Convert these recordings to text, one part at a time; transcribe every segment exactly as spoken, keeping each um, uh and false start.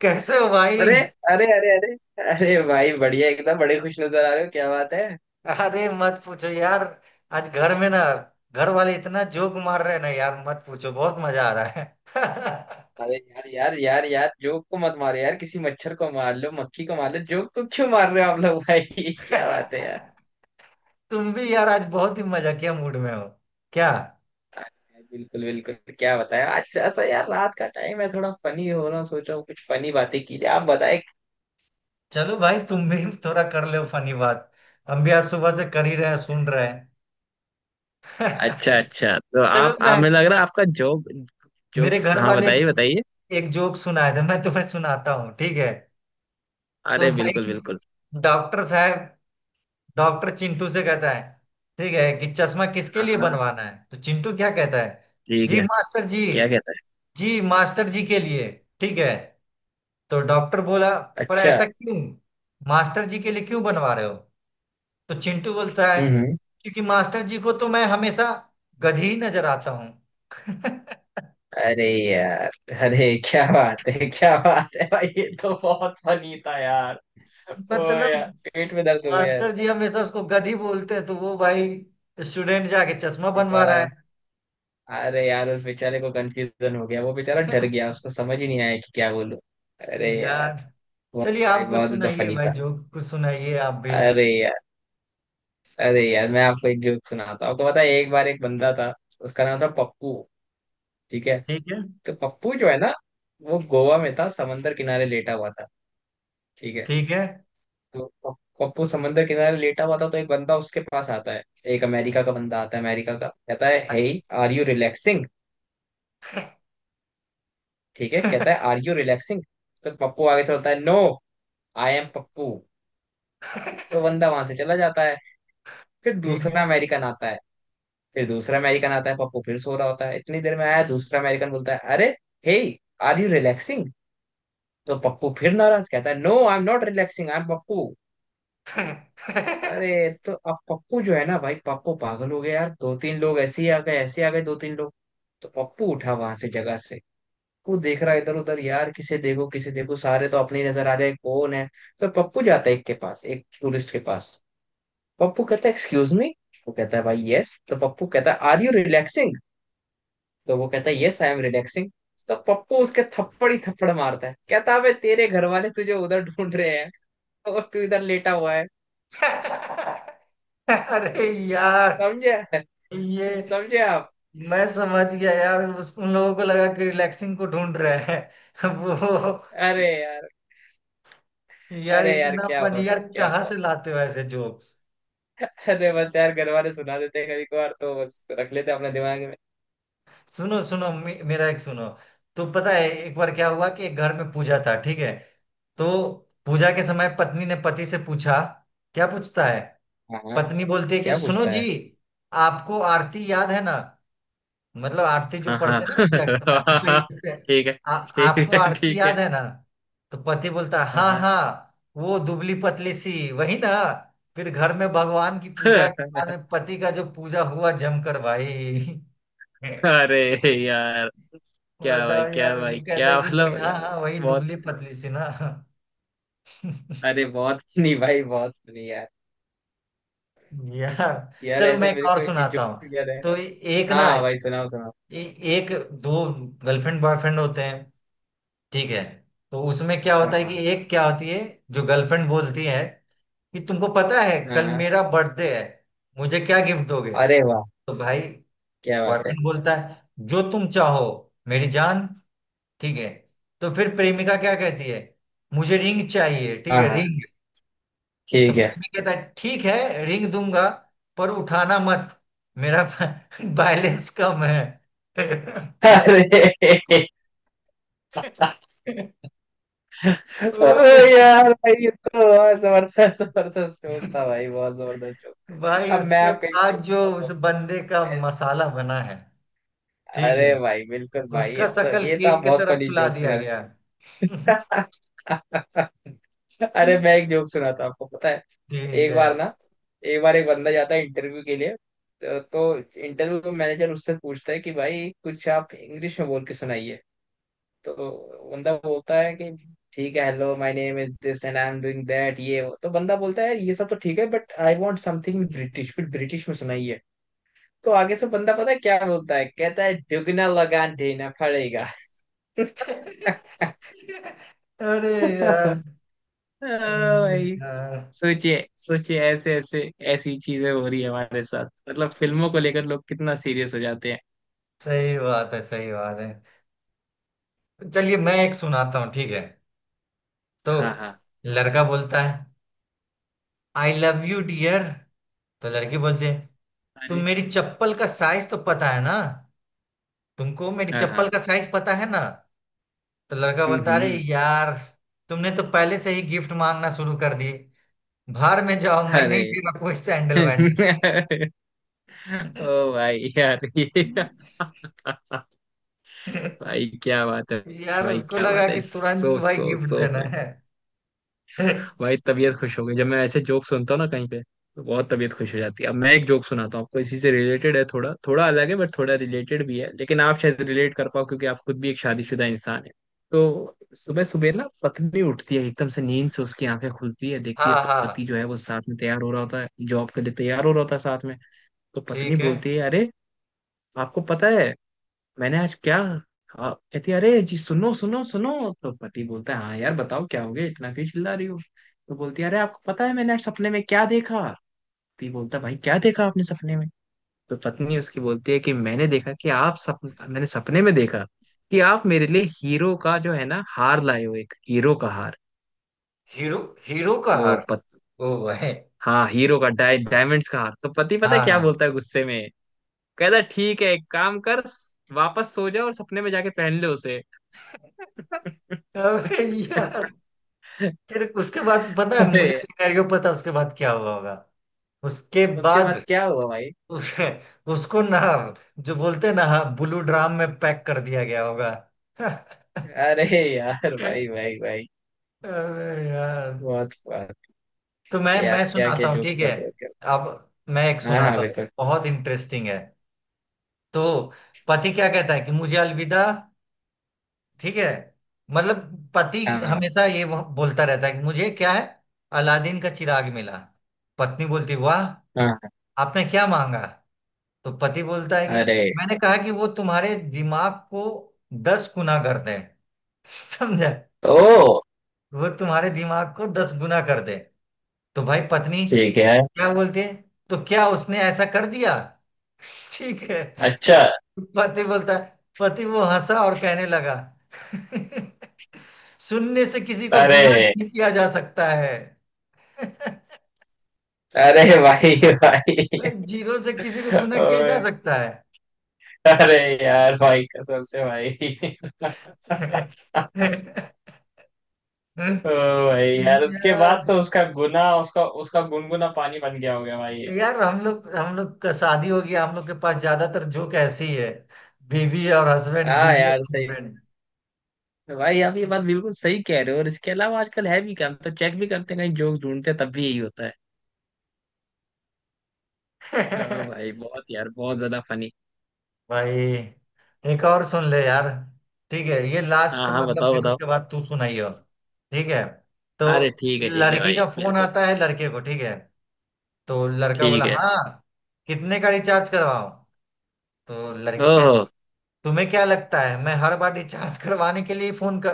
कैसे हो भाई। अरे अरे अरे अरे अरे भाई बढ़िया, एकदम बड़े खुश नजर आ रहे हो, क्या बात है। अरे मत पूछो यार। आज घर में ना, घर वाले इतना जोक मार रहे हैं ना यार, मत पूछो, बहुत मजा आ रहा है। अरे यार यार यार यार, जोक को मत मारो यार, किसी मच्छर को मार लो, मक्खी को मार लो, जोक को क्यों मार रहे हो आप लोग भाई। क्या बात है यार। तुम भी यार आज बहुत ही मजाकिया मूड में हो क्या। बिल्कुल बिल्कुल, क्या बताएं, आज ऐसा यार रात का टाइम है, थोड़ा फनी हो रहा हूँ, सोच रहा हूँ कुछ फनी बातें की जाए, आप बताएं। चलो भाई तुम भी थोड़ा कर लो फनी बात। हम भी आज सुबह से कर ही रहे हैं, सुन रहे अच्छा हैं अच्छा, तो चलो आप आप मैं, मुझे लग रहा है आपका जोक, मेरे जोक्स, घर हाँ वाले बताइए बताइए। एक जोक सुनाए थे, मैं तुम्हें सुनाता हूँ, ठीक है। तो अरे बिल्कुल भाई, बिल्कुल। डॉक्टर साहब, डॉक्टर चिंटू से कहता है, ठीक है, कि चश्मा किसके हाँ लिए हाँ बनवाना है, तो चिंटू क्या कहता है। ठीक जी है। मास्टर जी, क्या कहता है। जी मास्टर जी के लिए। ठीक है। तो डॉक्टर बोला, पर अच्छा। ऐसा क्यों, मास्टर जी के लिए क्यों बनवा रहे हो। तो चिंटू बोलता है, हम्म। क्योंकि मास्टर जी को तो मैं हमेशा गधी ही नजर आता हूँ अरे यार, अरे क्या बात है, क्या बात है भाई, ये तो बहुत फनी था यार। ओ मतलब यार पेट में दर्द हो गया यार। मास्टर जी हमेशा उसको गधी बोलते हैं, तो वो भाई स्टूडेंट जाके चश्मा बनवा बेचारा। रहा अरे यार उस बेचारे को कंफ्यूजन हो गया, वो बेचारा डर गया, उसको समझ ही नहीं आया कि क्या बोलूं। अरे है यार यार, बहुत चलिए भाई, आप कुछ बहुत ज्यादा सुनाइए फनी भाई, था। जो कुछ सुनाइए आप भी। अरे यार, अरे यार, मैं आपको एक जोक सुनाता हूँ। आपको पता है, एक बार एक बंदा था, उसका नाम था पप्पू। ठीक है। ठीक है तो पप्पू जो है ना, वो गोवा में था, समंदर किनारे लेटा हुआ था। ठीक है। ठीक है तो कप- कप्पू समंदर किनारे लेटा हुआ था, तो एक बंदा उसके पास आता है। एक अमेरिका का बंदा आता है, अमेरिका का, कहता है, हे, आर यू रिलैक्सिंग। ठीक है, कहता है आर यू रिलैक्सिंग। तो पप्पू आगे चलता है, नो, आई एम पप्पू। तो बंदा वहां से चला जाता है। फिर ठीक है दूसरा अमेरिकन आता है। फिर दूसरा अमेरिकन आता है, पप्पू फिर सो रहा होता है, इतनी देर में आया दूसरा अमेरिकन, बोलता है अरे, हे, आर यू रिलैक्सिंग। तो पप्पू फिर नाराज कहता है, no I am not relaxing, I am Pappu. अरे, तो अब पप्पू जो है ना भाई, पप्पू पागल हो गया यार, दो तीन लोग ऐसे ही आ गए, ऐसे आ गए दो तीन लोग। तो पप्पू उठा वहां से, जगह से। वो देख रहा है इधर उधर यार, किसे देखो किसे देखो, सारे तो अपनी नजर आ रहे हैं, कौन है। तो पप्पू जाता है एक के पास, एक टूरिस्ट के पास। पप्पू कहता है एक्सक्यूज मी। वो कहता है भाई यस। तो पप्पू कहता है, आर यू रिलैक्सिंग। तो वो कहता है, यस आई एम रिलैक्सिंग। तो पप्पू उसके थप्पड़ ही थप्पड़ मारता है, कहता है, "अबे, तेरे घर वाले तुझे उधर ढूंढ रहे हैं और तू इधर लेटा हुआ है"। अरे यार समझे, ये, समझे आप। मैं समझ गया यार, उस उन लोगों को लगा कि रिलैक्सिंग को ढूंढ रहे हैं वो। अरे यार, यार अरे यार, इतना क्या फन, यार बताओ क्या कहाँ बताओ। से लाते हो ऐसे जोक्स। अरे बस यार, घर वाले सुना देते हैं कभी कभार, तो बस रख लेते हैं अपने दिमाग में। सुनो सुनो मे, मेरा एक सुनो। तो पता है एक बार क्या हुआ, कि एक घर में पूजा था, ठीक है। तो पूजा के समय पत्नी ने पति से पूछा, क्या पूछता है। हाँ हाँ। पत्नी बोलती है कि क्या सुनो पूछना जी, है। आपको आरती याद है ना, मतलब आरती जो हाँ पढ़ते हैं ना हाँ। पूजा के समय, तो वही पूछते हैं। ठीक है। "आ- ठीक आपको है आरती ठीक है। याद है ना। तो पति बोलता है, हाँ हाँ हाँ। हाँ, वो दुबली पतली सी वही ना। फिर घर में भगवान की पूजा के बाद में पति का जो पूजा हुआ जमकर भाई अरे यार, क्या भाई, बताओ क्या यार, वो भाई, कहता है क्या कि भाई मतलब हाँ यार, हाँ वही बहुत। दुबली पतली सी ना अरे बहुत, नहीं भाई, बहुत नहीं यार। यार यार चलो मैं ऐसे एक मेरे और को एक सुनाता जोक हूँ। याद है। तो एक हाँ ना, हाँ भाई, सुनाओ सुनाओ। ए, एक दो गर्लफ्रेंड बॉयफ्रेंड होते हैं, ठीक है। तो उसमें क्या हाँ होता है, कि हाँ। एक क्या होती है, जो गर्लफ्रेंड बोलती है कि तुमको पता है हाँ कल हाँ। मेरा बर्थडे है, मुझे क्या गिफ्ट दोगे। अरे वाह, तो भाई क्या बात है। बॉयफ्रेंड बोलता है, जो तुम चाहो मेरी जान, ठीक है। तो फिर प्रेमिका क्या कहती है, मुझे रिंग चाहिए, ठीक हाँ है, हाँ। रिंग। तो ठीक है। प्रेमी कहता है ठीक है, रिंग दूंगा, पर उठाना मत मेरा बैलेंस कम है अरे अरे ओए यार भाई, ये तो बहुत जबरदस्त, जबरदस्त जोक था भाई, बहुत जबरदस्त जोक। भाई, अब मैं उसके आपका एक बाद जोक जो सुनाता उस हूँ। बंदे का मसाला बना है, ठीक अरे है, भाई बिल्कुल भाई, ये उसका तो, शकल ये तो केक आप की बहुत तरह फनी फुला जोक दिया सुना गया। रहे। अरे मैं एक जोक सुनाता हूँ, आपको पता है। ठीक एक है। बार ना, एक बार एक बंदा जाता है इंटरव्यू के लिए। तो, तो इंटरव्यू मैनेजर उससे पूछता है कि भाई, कुछ आप इंग्लिश में बोल के सुनाइए। तो बंदा बोलता है कि ठीक है, hello my name is this and I am doing that ये वो। तो बंदा बोलता है, ये सब तो ठीक है but I want something British, फिर ब्रिटिश में सुनाइए। तो आगे से बंदा पता है क्या बोलता है, कहता है दुगना लगान देना पड़ेगा। ओ अरे यार, अरे भाई, यार, सोचिए सोचिए, ऐसे ऐसे, ऐसी चीजें हो रही है हमारे साथ, मतलब फिल्मों को लेकर लोग कितना सीरियस हो जाते हैं। सही बात है सही बात है। चलिए मैं एक सुनाता हूँ ठीक है। तो हाँ हाँ। लड़का बोलता है, आई लव यू डियर। तो लड़की बोलती है, तुम अरे। मेरी चप्पल का साइज तो पता है ना, तुमको मेरी हाँ चप्पल हाँ। का साइज पता है ना। तो लड़का हम्म बोलता, अरे हम्म। यार, तुमने तो पहले से ही गिफ्ट मांगना शुरू कर दिए, बाहर में जाओ, मैं अरे नहीं दे रहा कोई सैंडल वैंडल ओ भाई यार ये भाई क्या बात है। यार भाई उसको क्या लगा बात कि है, तुरंत सो भाई सो गिफ्ट सो। देना है भाई तबीयत खुश हो गई जब मैं ऐसे जोक सुनता हूँ ना कहीं पे, तो बहुत तबीयत खुश हो जाती है। अब मैं एक जोक सुनाता हूँ आपको, इसी से रिलेटेड है, थोड़ा थोड़ा अलग है बट थोड़ा रिलेटेड भी है, लेकिन आप शायद रिलेट कर पाओ, क्योंकि आप खुद भी एक शादीशुदा इंसान है। तो सुबह सुबह ना पत्नी उठती है एकदम से, नींद से उसकी आंखें खुलती है, देखती है हाँ पति हाँ। जो है वो साथ में तैयार हो रहा होता है, जॉब के लिए तैयार हो रहा होता है साथ में। तो पत्नी ठीक है। बोलती है अरे, आपको पता है मैंने आज क्या, हाँ, कहती है, अरे जी सुनो सुनो सुनो। तो पति बोलता है, हाँ यार बताओ क्या हो गया, इतना क्यों चिल्ला रही हो। तो बोलती है, अरे आपको पता है मैंने आज सपने में क्या देखा। पति बोलता है, भाई क्या देखा आपने सपने में। तो पत्नी उसकी बोलती है कि मैंने देखा कि आप सप मैंने सपने में देखा कि आप मेरे लिए हीरो का जो है ना हार लाए हो, एक हीरो का हार। हीरो, हीरो का तो हार। पत, ओ भाई। हाँ, हीरो का डाय डायमंड्स का हार। तो पति पता है हाँ क्या हाँ बोलता है गुस्से में, कहता है, ठीक है एक काम कर, वापस सो जा और सपने में जाके पहन ले उसे। अबे यार, फिर उसके बाद पता है अरे, मुझे सिनेरियो, पता है उसके बाद क्या हुआ होगा। उसके उसके बाद बाद क्या हुआ भाई। उस, उसको ना, जो बोलते हैं ना, हाँ, ब्लू ड्राम में पैक कर दिया गया होगा अरे यार, अरे भाई भाई भाई, यार, बहुत बात। तो मैं मैं यार क्या सुनाता क्या हूँ जोक ठीक है। चल रहे थे। अब मैं एक हाँ हाँ सुनाता हूँ बिल्कुल। बहुत इंटरेस्टिंग है। तो पति क्या कहता है, कि मुझे अलविदा, ठीक है, मतलब पति हाँ हाँ। हमेशा ये वो- बोलता रहता है कि मुझे क्या है, अलादीन का चिराग मिला। पत्नी बोलती, वाह, हाँ। हाँ। आपने क्या मांगा। तो पति बोलता है कि अरे। मैंने कहा कि वो तुम्हारे दिमाग को दस गुना कर दे समझा, ओ। वो तुम्हारे दिमाग को दस गुना कर दे। तो भाई पत्नी ठीक है। क्या बोलती है, तो क्या उसने ऐसा कर दिया ठीक है। अच्छा। पति बोलता है, पति वो हंसा और कहने लगा शून्य से किसी को अरे। गुना नहीं किया जा सकता है अरे भाई, भाई भाई। जीरो से किसी को गुना किया जा ओए, सकता अरे यार भाई, कसम से भाई। है ओ भाई यार, उसके बाद यार, तो उसका गुना उसका उसका गुनगुना पानी बन गया होगा भाई। यार हम लोग हम लोग का शादी हो गया, हम लोग के पास ज्यादातर जोक ऐसी ही है, बीवी और हस्बैंड, हाँ बीवी और यार सही। हस्बैंड तो भाई आप ये बात बिल्कुल सही कह रहे हो, और इसके अलावा आजकल है भी क्या, हम तो चेक भी करते हैं कहीं जोक्स ढूंढते हैं, तब भी यही होता है। ओ भाई बहुत यार, बहुत ज्यादा फनी। भाई एक और सुन ले यार, ठीक है, ये हाँ लास्ट, हाँ मतलब बताओ फिर बताओ। उसके बाद तू सुनाइयो। ठीक है। तो अरे ठीक है ठीक है लड़की भाई का फोन बिल्कुल। आता है लड़के को, ठीक है। तो लड़का ठीक बोला, है। हाँ, कितने का रिचार्ज करवाओ। तो लड़की ओहो। कहती, तुम्हें क्या लगता है मैं हर बार रिचार्ज करवाने के लिए फोन कर,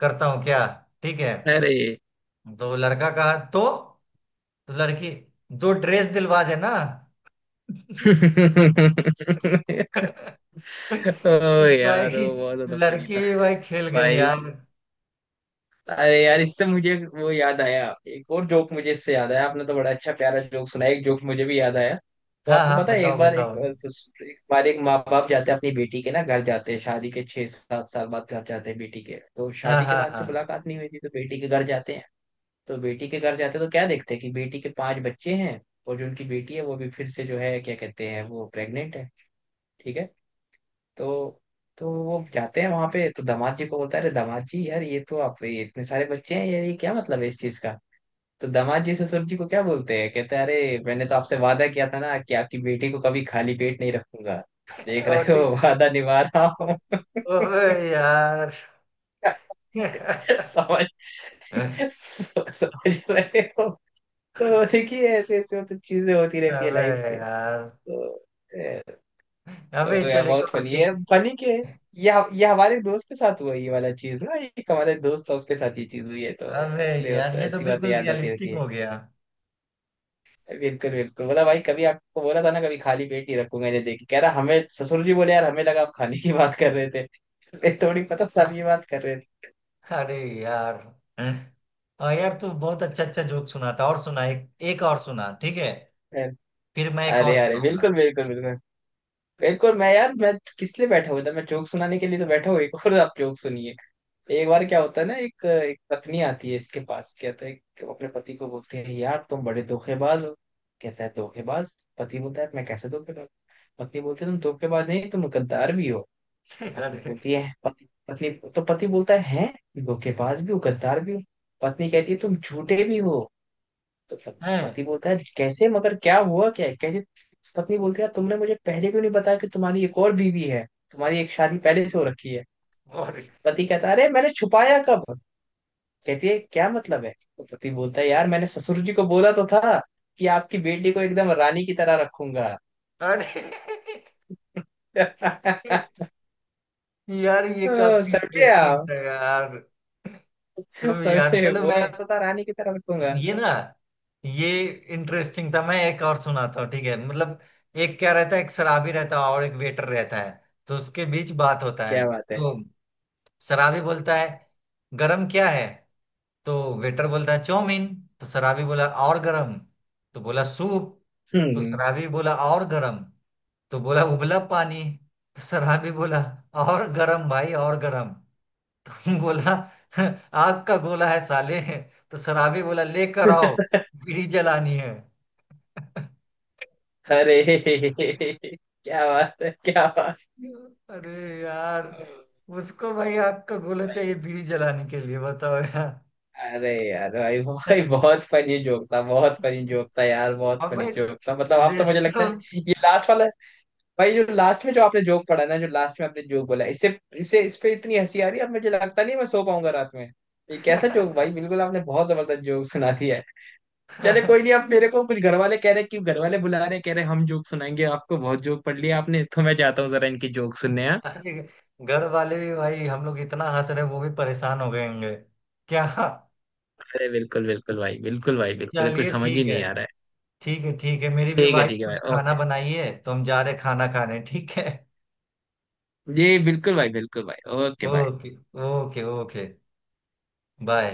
करता हूँ क्या। ठीक है। अरे तो लड़का कहा तो, तो लड़की, दो ड्रेस दिलवा देना ओ यार, भाई ओ बहुत ज्यादा फनी लड़की था। भी भाई खेल गई भाई, यार। अरे यार, इससे मुझे वो याद आया, एक और जोक मुझे इससे याद आया, आपने तो बड़ा अच्छा प्यारा जोक सुनाया, एक जोक मुझे भी याद आया। तो हाँ आपको हाँ पता है, एक बताओ बार बताओ। एक अ, सिस- एक बार एक माँ बाप जाते हैं अपनी बेटी के ना घर जाते हैं, शादी के छह सात साल बाद घर जाते हैं बेटी के, तो हाँ शादी के हाँ बाद से हाँ। मुलाकात नहीं हुई थी, तो बेटी के घर जाते हैं। तो बेटी के घर जाते हैं तो क्या देखते हैं कि बेटी के पांच बच्चे हैं, और जो उनकी बेटी है वो भी फिर से जो है क्या कहते हैं वो प्रेग्नेंट है। ठीक है। तो तो वो जाते हैं वहां पे, तो दामाद जी को बोलता है, अरे दामाद जी यार ये तो आप, ये इतने सारे बच्चे हैं यार, ये क्या मतलब है इस चीज का। तो दामाद जी ससुर जी को क्या बोलते हैं, कहते हैं अरे मैंने तो आपसे वादा किया था ना कि आपकी बेटी को कभी खाली पेट नहीं रखूंगा, देख और रहे ये- हो वादा निभा रहा हूँ। ओबे यार समझ, समझ रहे हो। तो देखिए ऐसे ऐसे मतलब चीजें होती रहती है अबे लाइफ में। यार, तो अ, अबे यार चल एक बहुत और फनी एक। है, फनी के ये ये हमारे दोस्त के साथ हुआ ये वाला चीज ना, एक हमारे दोस्त था उसके साथ ये चीज हुई है, तो अबे इसलिए वो यार, तो ये तो ऐसी बातें बिल्कुल याद आती रहती रियलिस्टिक है। हो गया बिल्कुल बिल्कुल, बोला भाई कभी आपको बोला था ना कभी खाली पेट ही रखूंगा, मैंने देखी, कह रहा हमें ससुर जी बोले, यार हमें लगा आप खाने की बात कर रहे थे, मैं थोड़ी पता सब ये बात कर रहे अरे यार, और यार तू बहुत अच्छा अच्छा जोक सुनाता, और सुना, एक एक और सुना, ठीक है, थे। फिर मैं एक और अरे अरे सुनाऊंगा। बिल्कुल बिल्कुल बिल्कुल। बिल्कुल मैं यार, मैं किस लिए बैठा हुआ था, मैं जोक सुनाने के लिए तो बैठा हुआ, एक और आप जोक सुनिए। एक बार क्या होता है ना, एक एक पत्नी आती है इसके पास, कहता है कि वो अपने पति को बोलती है, यार तुम बड़े धोखेबाज हो। कहता है, धोखेबाज। पति बोलता है मैं कैसे धोखेबाज। पत्नी बोलती है, तुम धोखेबाज नहीं, तुम गद्दार भी हो। तो पत्नी अरे बोलती है पति पत्नी। तो पति बोलता है, हैं धोखेबाज भी हो, गद्दार भी हो। पत्नी कहती है, तुम झूठे भी हो। तो प- हैं, पति बोलता है, कैसे मगर, क्या हुआ क्या है?" कहती, पत्नी बोलती है, तुमने मुझे पहले क्यों नहीं बताया कि तुम्हारी एक और बीवी है, तुम्हारी एक शादी पहले से हो रखी है। और पति कहता है, अरे मैंने छुपाया कब। कहती है, क्या मतलब है। तो पति बोलता है, यार मैंने ससुर जी को बोला तो था कि आपकी बेटी को एकदम रानी की तरह रखूंगा। अरे यार, ये तो काफी समझे इंटरेस्टिंग आप, था यार। तुम यार, समझे, चलो मैं, बोला तो था रानी की तरह रखूंगा। ये ना, ये इंटरेस्टिंग था, मैं एक और सुनाता हूँ ठीक है, मतलब। एक क्या रहता है, एक शराबी रहता है और एक वेटर रहता है। तो उसके बीच बात होता है। क्या बात है। तो शराबी बोलता है, गरम क्या है। तो वेटर बोलता है, चाउमीन। तो शराबी बोला, और गरम। तो बोला, सूप। तो हम्म। शराबी बोला, और गरम। तो बोला, उबला पानी। तो सराबी भी बोला, और गरम भाई और गरम। तो बोला, आग का गोला है साले। तो सराबी बोला, लेकर आओ, बीड़ी जलानी है अरे क्या बात है, क्या बात अरे यार, है उसको भाई आग का गोला भाई। चाहिए बीड़ी जलाने के लिए, बताओ यार अरे यार भाई भाई, बहुत फनी जोक था, बहुत फनी जोक था यार, बहुत और फनी भाई जोक था, मतलब आप तो, मुझे लगता रेस्टो है ये लास्ट वाला। भाई जो लास्ट में जो आपने जोक पढ़ा ना, जो लास्ट में आपने जोक बोला, इससे इससे इस पे इतनी हंसी आ रही है, अब मुझे लगता नहीं है मैं सो पाऊंगा रात में। ये कैसा जोक भाई, बिल्कुल आपने बहुत जबरदस्त जोक सुना दिया है। चले कोई नहीं, आप मेरे को कुछ, घर वाले कह रहे कि घर वाले बुला रहे, कह रहे हम जोक सुनाएंगे, आपको बहुत जोक पढ़ लिया आपने, तो मैं जाता हूँ जरा इनकी जोक सुनने हैं। अरे घर वाले भी भाई, हम लोग इतना हंस रहे हैं, वो भी परेशान हो गए होंगे क्या। अरे बिल्कुल बिल्कुल भाई, बिल्कुल भाई बिल्कुल, कुछ चलिए समझ ही ठीक है, नहीं आ रहा है। ठीक है ठीक है, मेरी भी ठीक है वाइफ ठीक है कुछ भाई, खाना ओके। बनाई है, तो हम जा रहे खाना खाने, ठीक है। जी बिल्कुल भाई, बिल्कुल भाई, ओके भाई। Okay, okay okay. बाय।